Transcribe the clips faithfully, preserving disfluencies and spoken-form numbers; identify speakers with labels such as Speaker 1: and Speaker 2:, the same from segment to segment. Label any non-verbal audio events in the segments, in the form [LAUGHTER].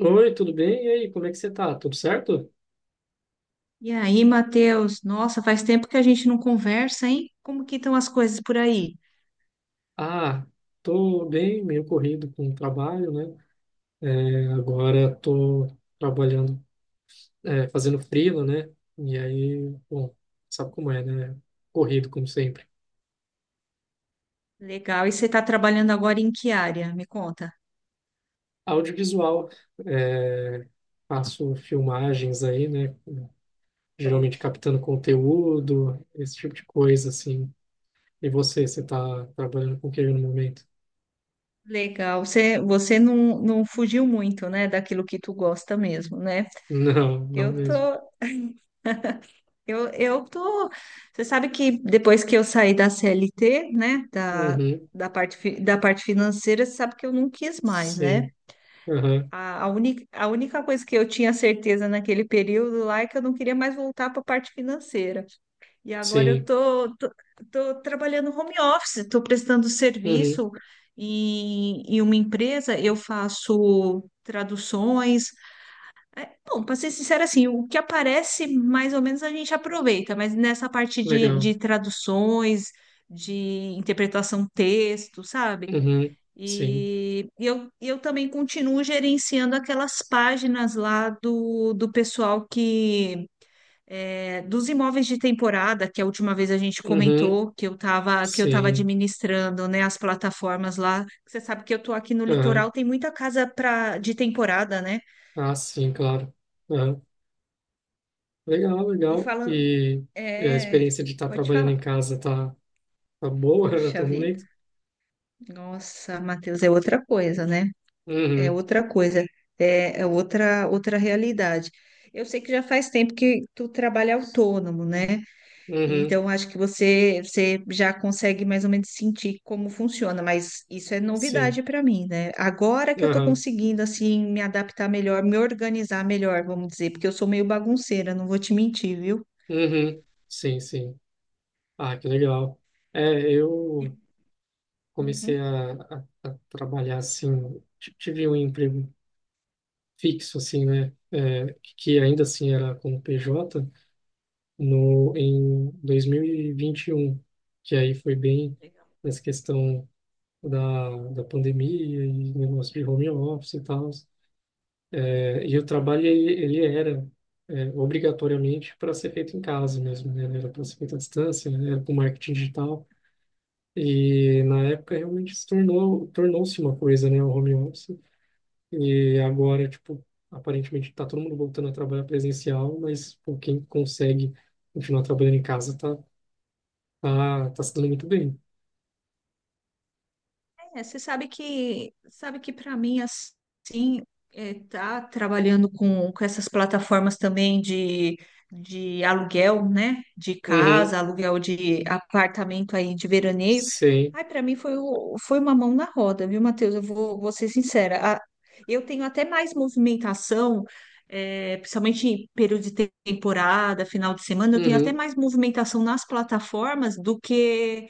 Speaker 1: Oi, tudo bem? E aí, como é que você tá? Tudo certo?
Speaker 2: E aí, Matheus? Nossa, faz tempo que a gente não conversa, hein? Como que estão as coisas por aí?
Speaker 1: Ah, tô bem, meio corrido com o trabalho, né? É, agora tô trabalhando, é, fazendo freela, né? E aí, bom, sabe como é, né? Corrido, como sempre.
Speaker 2: Legal. E você está trabalhando agora em que área? Me conta.
Speaker 1: Audiovisual, é, faço filmagens aí, né?
Speaker 2: Top.
Speaker 1: Geralmente captando conteúdo, esse tipo de coisa, assim. E você, você tá trabalhando com o que no momento?
Speaker 2: Legal. Você, você não, não fugiu muito, né, daquilo que tu gosta mesmo, né?
Speaker 1: [LAUGHS] Não, não
Speaker 2: Eu tô,
Speaker 1: mesmo.
Speaker 2: eu, eu tô. Você sabe que depois que eu saí da C L T, né, da,
Speaker 1: Uhum,
Speaker 2: da parte, fi- da parte financeira, você sabe que eu não quis mais, né?
Speaker 1: sim. Aham,
Speaker 2: A, a, única, a única coisa que eu tinha certeza naquele período lá é que eu não queria mais voltar para a parte financeira. E agora eu
Speaker 1: sim.
Speaker 2: tô, tô, tô trabalhando home office, estou prestando
Speaker 1: Uhum,
Speaker 2: serviço em, em uma empresa, eu faço traduções. Bom, para ser sincera, assim, o que aparece mais ou menos a gente aproveita, mas nessa parte de,
Speaker 1: legal.
Speaker 2: de traduções, de interpretação texto, sabe?
Speaker 1: Uhum, sim.
Speaker 2: E eu, eu também continuo gerenciando aquelas páginas lá do, do pessoal que é, dos imóveis de temporada, que a última vez a gente
Speaker 1: Uhum,
Speaker 2: comentou que eu estava que eu estava
Speaker 1: sim.
Speaker 2: administrando, né, as plataformas lá. Você sabe que eu tô aqui no
Speaker 1: Aham.
Speaker 2: litoral, tem muita casa pra, de temporada, né?
Speaker 1: Ah, sim, claro. Aham. Legal,
Speaker 2: E
Speaker 1: legal.
Speaker 2: falando,
Speaker 1: E e a
Speaker 2: é,
Speaker 1: experiência de estar
Speaker 2: pode
Speaker 1: trabalhando
Speaker 2: falar.
Speaker 1: em casa tá, tá boa [LAUGHS] até
Speaker 2: Puxa
Speaker 1: o
Speaker 2: vida.
Speaker 1: momento?
Speaker 2: Nossa, Matheus, é outra coisa, né? É
Speaker 1: Uhum,
Speaker 2: outra coisa, é, é outra outra realidade. Eu sei que já faz tempo que tu trabalha autônomo, né? E
Speaker 1: uhum,
Speaker 2: então acho que você você já consegue mais ou menos sentir como funciona, mas isso é
Speaker 1: sim.
Speaker 2: novidade para mim, né? Agora que eu tô
Speaker 1: Aham.
Speaker 2: conseguindo assim me adaptar melhor, me organizar melhor, vamos dizer, porque eu sou meio bagunceira, não vou te mentir, viu?
Speaker 1: Uhum, sim, sim. Ah, que legal. É, eu comecei
Speaker 2: Uhum.
Speaker 1: a, a, a trabalhar assim, t- tive um emprego fixo, assim, né? É, que ainda assim era como P J. No, em dois mil e vinte e um, que aí foi bem nessa questão da, da pandemia e negócio de home office e tal. É, e o trabalho, ele, ele era é, obrigatoriamente para ser feito em casa mesmo, né? Era para ser feito à distância, né? Era com marketing digital. E na época realmente se tornou, tornou-se uma coisa, né? O home office. E agora, tipo, aparentemente está todo mundo voltando a trabalhar presencial, mas pô, quem consegue continuar trabalhando em casa tá, ah, tá se dando muito bem.
Speaker 2: É, você sabe que sabe que para mim assim é, tá trabalhando com, com essas plataformas também de, de aluguel, né? De
Speaker 1: Uhum,
Speaker 2: casa, aluguel de apartamento aí de veraneio.
Speaker 1: sim.
Speaker 2: Ai, para mim foi, o- foi uma mão na roda, viu, Matheus? Eu vou, vou ser sincera. A- eu tenho até mais movimentação, é, principalmente em período de te- temporada, final de semana, eu tenho até
Speaker 1: Uhum,
Speaker 2: mais movimentação nas plataformas do que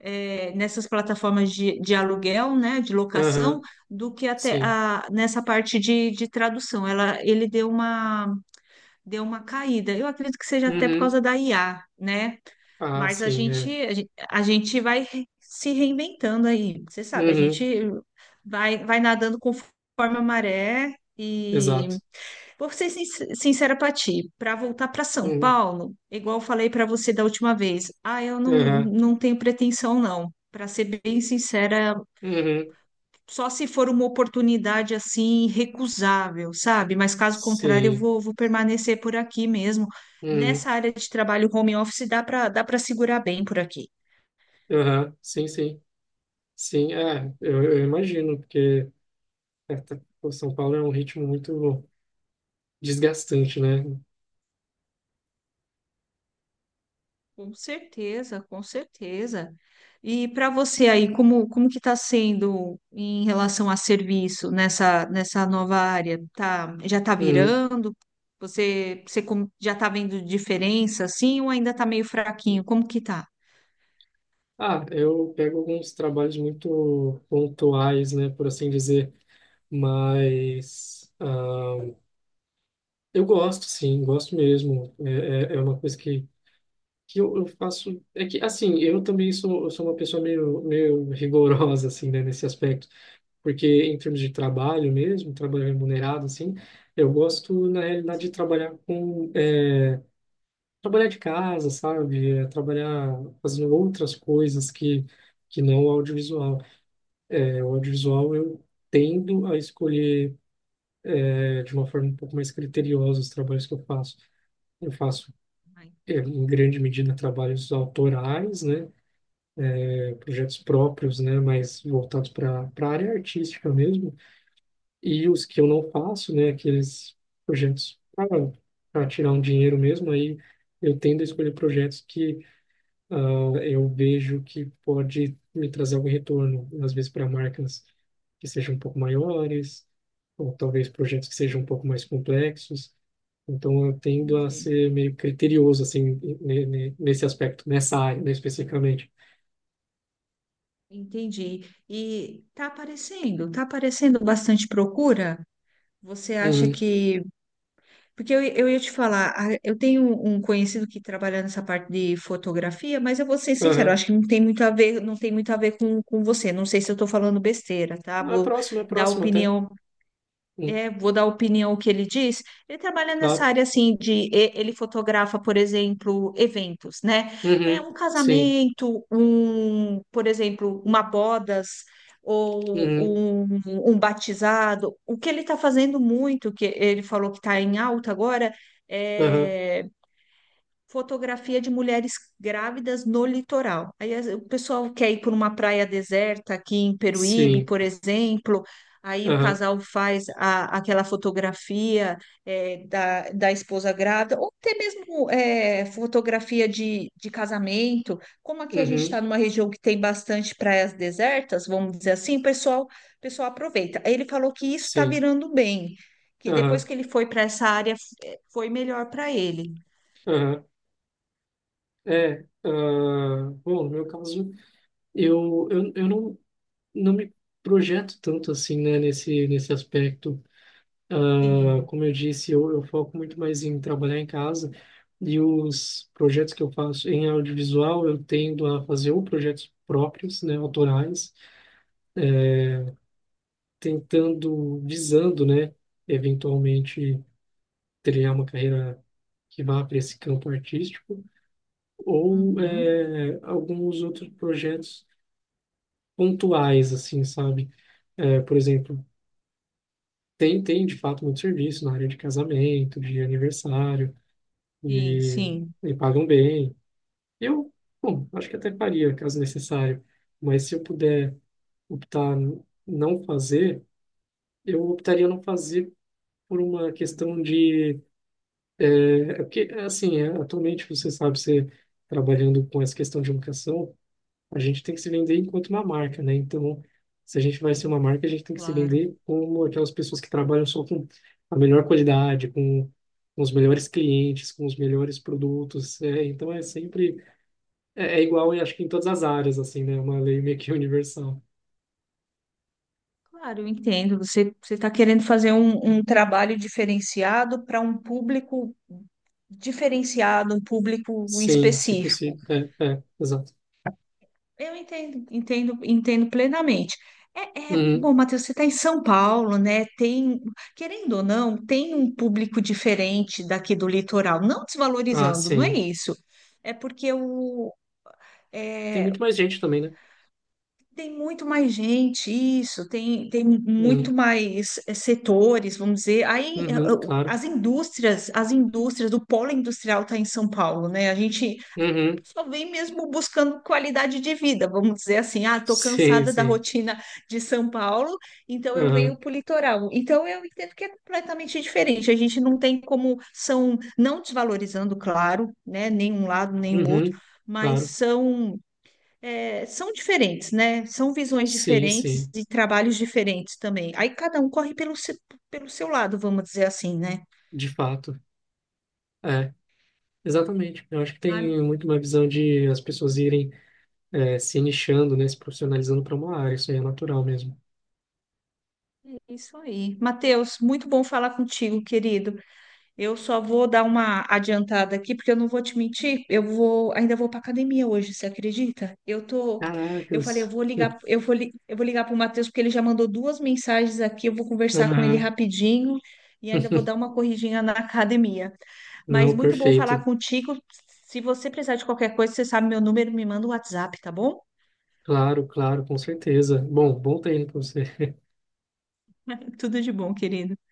Speaker 2: é, nessas plataformas de, de aluguel, né, de locação,
Speaker 1: aham,
Speaker 2: do que até
Speaker 1: sim.
Speaker 2: a, nessa parte de, de tradução. Ela, ele deu uma, deu uma caída. Eu acredito que seja até por
Speaker 1: Uhum,
Speaker 2: causa da I A, né?
Speaker 1: ah,
Speaker 2: Mas a
Speaker 1: sim,
Speaker 2: gente,
Speaker 1: é.
Speaker 2: a gen- a gente vai re- se reinventando aí. Você sabe, a gente
Speaker 1: Uhum,
Speaker 2: vai, vai nadando conforme a maré. E
Speaker 1: exato.
Speaker 2: vou ser sin- sincera para ti, para voltar para São
Speaker 1: Uhum,
Speaker 2: Paulo, igual eu falei para você da última vez, ah, eu não,
Speaker 1: aham,
Speaker 2: não tenho pretensão não. Para ser bem sincera,
Speaker 1: uhum,
Speaker 2: só se for uma oportunidade assim irrecusável, sabe? Mas caso contrário, eu
Speaker 1: sim.
Speaker 2: vou, vou permanecer por aqui mesmo.
Speaker 1: Uhum,
Speaker 2: Nessa área de trabalho home office dá para dá para segurar bem por aqui.
Speaker 1: aham, sim, sim. Sim, é, eu, eu imagino, porque é, tá- o São Paulo é um ritmo muito desgastante, né?
Speaker 2: Com certeza, com certeza. E para você aí, como, como que está sendo em relação a serviço nessa, nessa nova área? Tá, já está
Speaker 1: Uhum.
Speaker 2: virando? Você, você com- já está vendo diferença assim ou ainda está meio fraquinho? Como que tá?
Speaker 1: Ah, eu pego alguns trabalhos muito pontuais, né, por assim dizer, mas... ah, eu gosto, sim, gosto mesmo. É, é, é uma coisa que, que eu, eu faço. É que, assim, eu também sou, eu sou uma pessoa meio, meio rigorosa, assim, né, nesse aspecto. Porque, em termos de trabalho mesmo, trabalho remunerado, assim, eu gosto, na realidade,
Speaker 2: Sim,
Speaker 1: de trabalhar com. é, trabalhar de casa, sabe? É, trabalhar fazendo outras coisas que, que não o audiovisual. É, o audiovisual, eu tendo a escolher, é, de uma forma um pouco mais criteriosa os trabalhos que eu faço. Eu faço
Speaker 2: ah,
Speaker 1: é, em grande medida, trabalhos autorais, né? É, projetos próprios, né? Mas voltados para a área artística mesmo. E os que eu não faço, né? Aqueles projetos para tirar um dinheiro mesmo, aí eu tendo a escolher projetos que ah, eu vejo que pode me trazer algum retorno, às vezes para marcas que sejam um pouco maiores, ou talvez projetos que sejam um pouco mais complexos. Então, eu tendo a
Speaker 2: entendi.
Speaker 1: ser meio criterioso, assim, ne- ne- nesse aspecto, nessa área, né, especificamente.
Speaker 2: Entendi. E está aparecendo, está aparecendo bastante procura? Você acha
Speaker 1: Uhum.
Speaker 2: que porque eu, eu ia te falar, a- eu tenho um conhecido que trabalha nessa parte de fotografia, mas eu vou ser sincera, eu
Speaker 1: Aham.
Speaker 2: acho que não tem muito a ver, não tem muito a ver com, com você. Não sei se eu estou falando besteira, tá?
Speaker 1: Ah, é
Speaker 2: Vou
Speaker 1: próximo, é
Speaker 2: dar
Speaker 1: próximo até.
Speaker 2: opinião
Speaker 1: Hum,
Speaker 2: é, vou dar opinião ao que ele diz. Ele trabalha nessa
Speaker 1: claro.
Speaker 2: área assim de e- ele fotografa, por exemplo, eventos, né? É
Speaker 1: Uhum.
Speaker 2: um
Speaker 1: Sim.
Speaker 2: casamento, um, por exemplo, uma bodas ou
Speaker 1: Uhum.
Speaker 2: um, um batizado. O que ele está fazendo muito, que ele falou que está em alta agora,
Speaker 1: Aham.
Speaker 2: é fotografia de mulheres grávidas no litoral. Aí as- o pessoal quer ir por uma praia deserta aqui em Peruíbe,
Speaker 1: Sim.
Speaker 2: por exemplo. Aí o
Speaker 1: Aham.
Speaker 2: casal faz a- aquela fotografia é, da, da esposa grávida, ou até mesmo é, fotografia de, de casamento. Como aqui a gente
Speaker 1: Uhum.
Speaker 2: está numa região que tem bastante praias desertas, vamos dizer assim, o pessoal, o pessoal aproveita. Aí ele falou que isso está
Speaker 1: Sim.
Speaker 2: virando bem, que depois
Speaker 1: Aham.
Speaker 2: que ele foi para essa área, é, foi melhor para ele.
Speaker 1: Aham. É. Ah, bom, no meu caso. Eu, eu, eu não, não me projeto tanto assim, né, nesse, nesse aspecto. Ah,
Speaker 2: Sim.
Speaker 1: como eu disse, eu, eu foco muito mais em trabalhar em casa e os projetos que eu faço em audiovisual, eu tendo a fazer ou projetos próprios, né, autorais, tentando, visando, né, eventualmente trilhar uma carreira que vá para esse campo artístico ou
Speaker 2: Uhum.
Speaker 1: eh, alguns outros projetos pontuais, assim, sabe? Eh, por exemplo, tem, tem, de fato, muito serviço na área de casamento, de aniversário,
Speaker 2: Sim,
Speaker 1: e,
Speaker 2: sim,
Speaker 1: e pagam bem. Eu, bom, acho que até faria, caso necessário. Mas se eu puder optar n- não fazer, eu optaria não fazer por uma questão de... É é porque, assim, é, atualmente, você sabe, você trabalhando com essa questão de educação, a gente tem que se vender enquanto uma marca, né? Então, se a gente vai ser uma marca, a gente tem que se
Speaker 2: claro.
Speaker 1: vender como aquelas pessoas que trabalham só com a melhor qualidade, com, com os melhores clientes, com os melhores produtos. É, então, é sempre é, é igual, eu acho que em todas as áreas, assim, né? É uma lei meio que [LAUGHS] universal.
Speaker 2: Claro, eu entendo. Você você está querendo fazer um, um trabalho diferenciado para um público diferenciado, um público
Speaker 1: Sim, se
Speaker 2: específico.
Speaker 1: possível. É, é, exato.
Speaker 2: Eu entendo, entendo, entendo plenamente. É, é-
Speaker 1: Uhum.
Speaker 2: bom, Matheus, você está em São Paulo, né? Tem, querendo ou não, tem um público diferente daqui do litoral, não
Speaker 1: Ah,
Speaker 2: desvalorizando, não é
Speaker 1: sim.
Speaker 2: isso. É porque o,
Speaker 1: Tem
Speaker 2: é,
Speaker 1: muito mais gente também, né?
Speaker 2: tem muito mais gente, isso, tem, tem
Speaker 1: Uhum.
Speaker 2: muito mais eh, setores, vamos dizer. Aí eh,
Speaker 1: Uhum,
Speaker 2: eh,
Speaker 1: claro.
Speaker 2: as indústrias, as indústrias, o polo industrial está em São Paulo, né? A gente
Speaker 1: Uhum.
Speaker 2: só vem mesmo buscando qualidade de vida, vamos dizer assim, ah, estou
Speaker 1: Sim,
Speaker 2: cansada da
Speaker 1: sim.
Speaker 2: rotina de São Paulo, então eu venho
Speaker 1: Uhum.
Speaker 2: para o litoral. Então eu entendo que é completamente diferente. A gente não tem como são, não desvalorizando, claro, né? Nem um lado, nem o outro,
Speaker 1: Uhum.
Speaker 2: mas
Speaker 1: Claro.
Speaker 2: são é, são diferentes, né? São visões
Speaker 1: Sim,
Speaker 2: diferentes
Speaker 1: sim.
Speaker 2: e trabalhos diferentes também. Aí cada um corre pelo, se- pelo seu lado, vamos dizer assim, né?
Speaker 1: De fato. É. Exatamente. Eu acho que
Speaker 2: Ah,
Speaker 1: tem muito uma visão de as pessoas irem eh, se nichando, né, se profissionalizando para uma área. Isso aí é natural mesmo.
Speaker 2: é isso aí. Matheus, muito bom falar contigo, querido. Eu só vou dar uma adiantada aqui, porque eu não vou te mentir. Eu vou, ainda vou para academia hoje, você acredita? Eu tô, eu falei, eu
Speaker 1: Caracas.
Speaker 2: vou
Speaker 1: [LAUGHS]
Speaker 2: ligar, eu vou, li- eu vou ligar para o Matheus, porque ele já mandou duas mensagens aqui. Eu vou conversar com ele
Speaker 1: Aham.
Speaker 2: rapidinho e ainda vou dar uma corridinha na academia. Mas
Speaker 1: Não,
Speaker 2: muito bom falar
Speaker 1: perfeito.
Speaker 2: contigo. Se você precisar de qualquer coisa, você sabe meu número, me manda um WhatsApp, tá bom?
Speaker 1: Claro, claro, com certeza. Bom, bom treino para você.
Speaker 2: [LAUGHS] Tudo de bom, querido.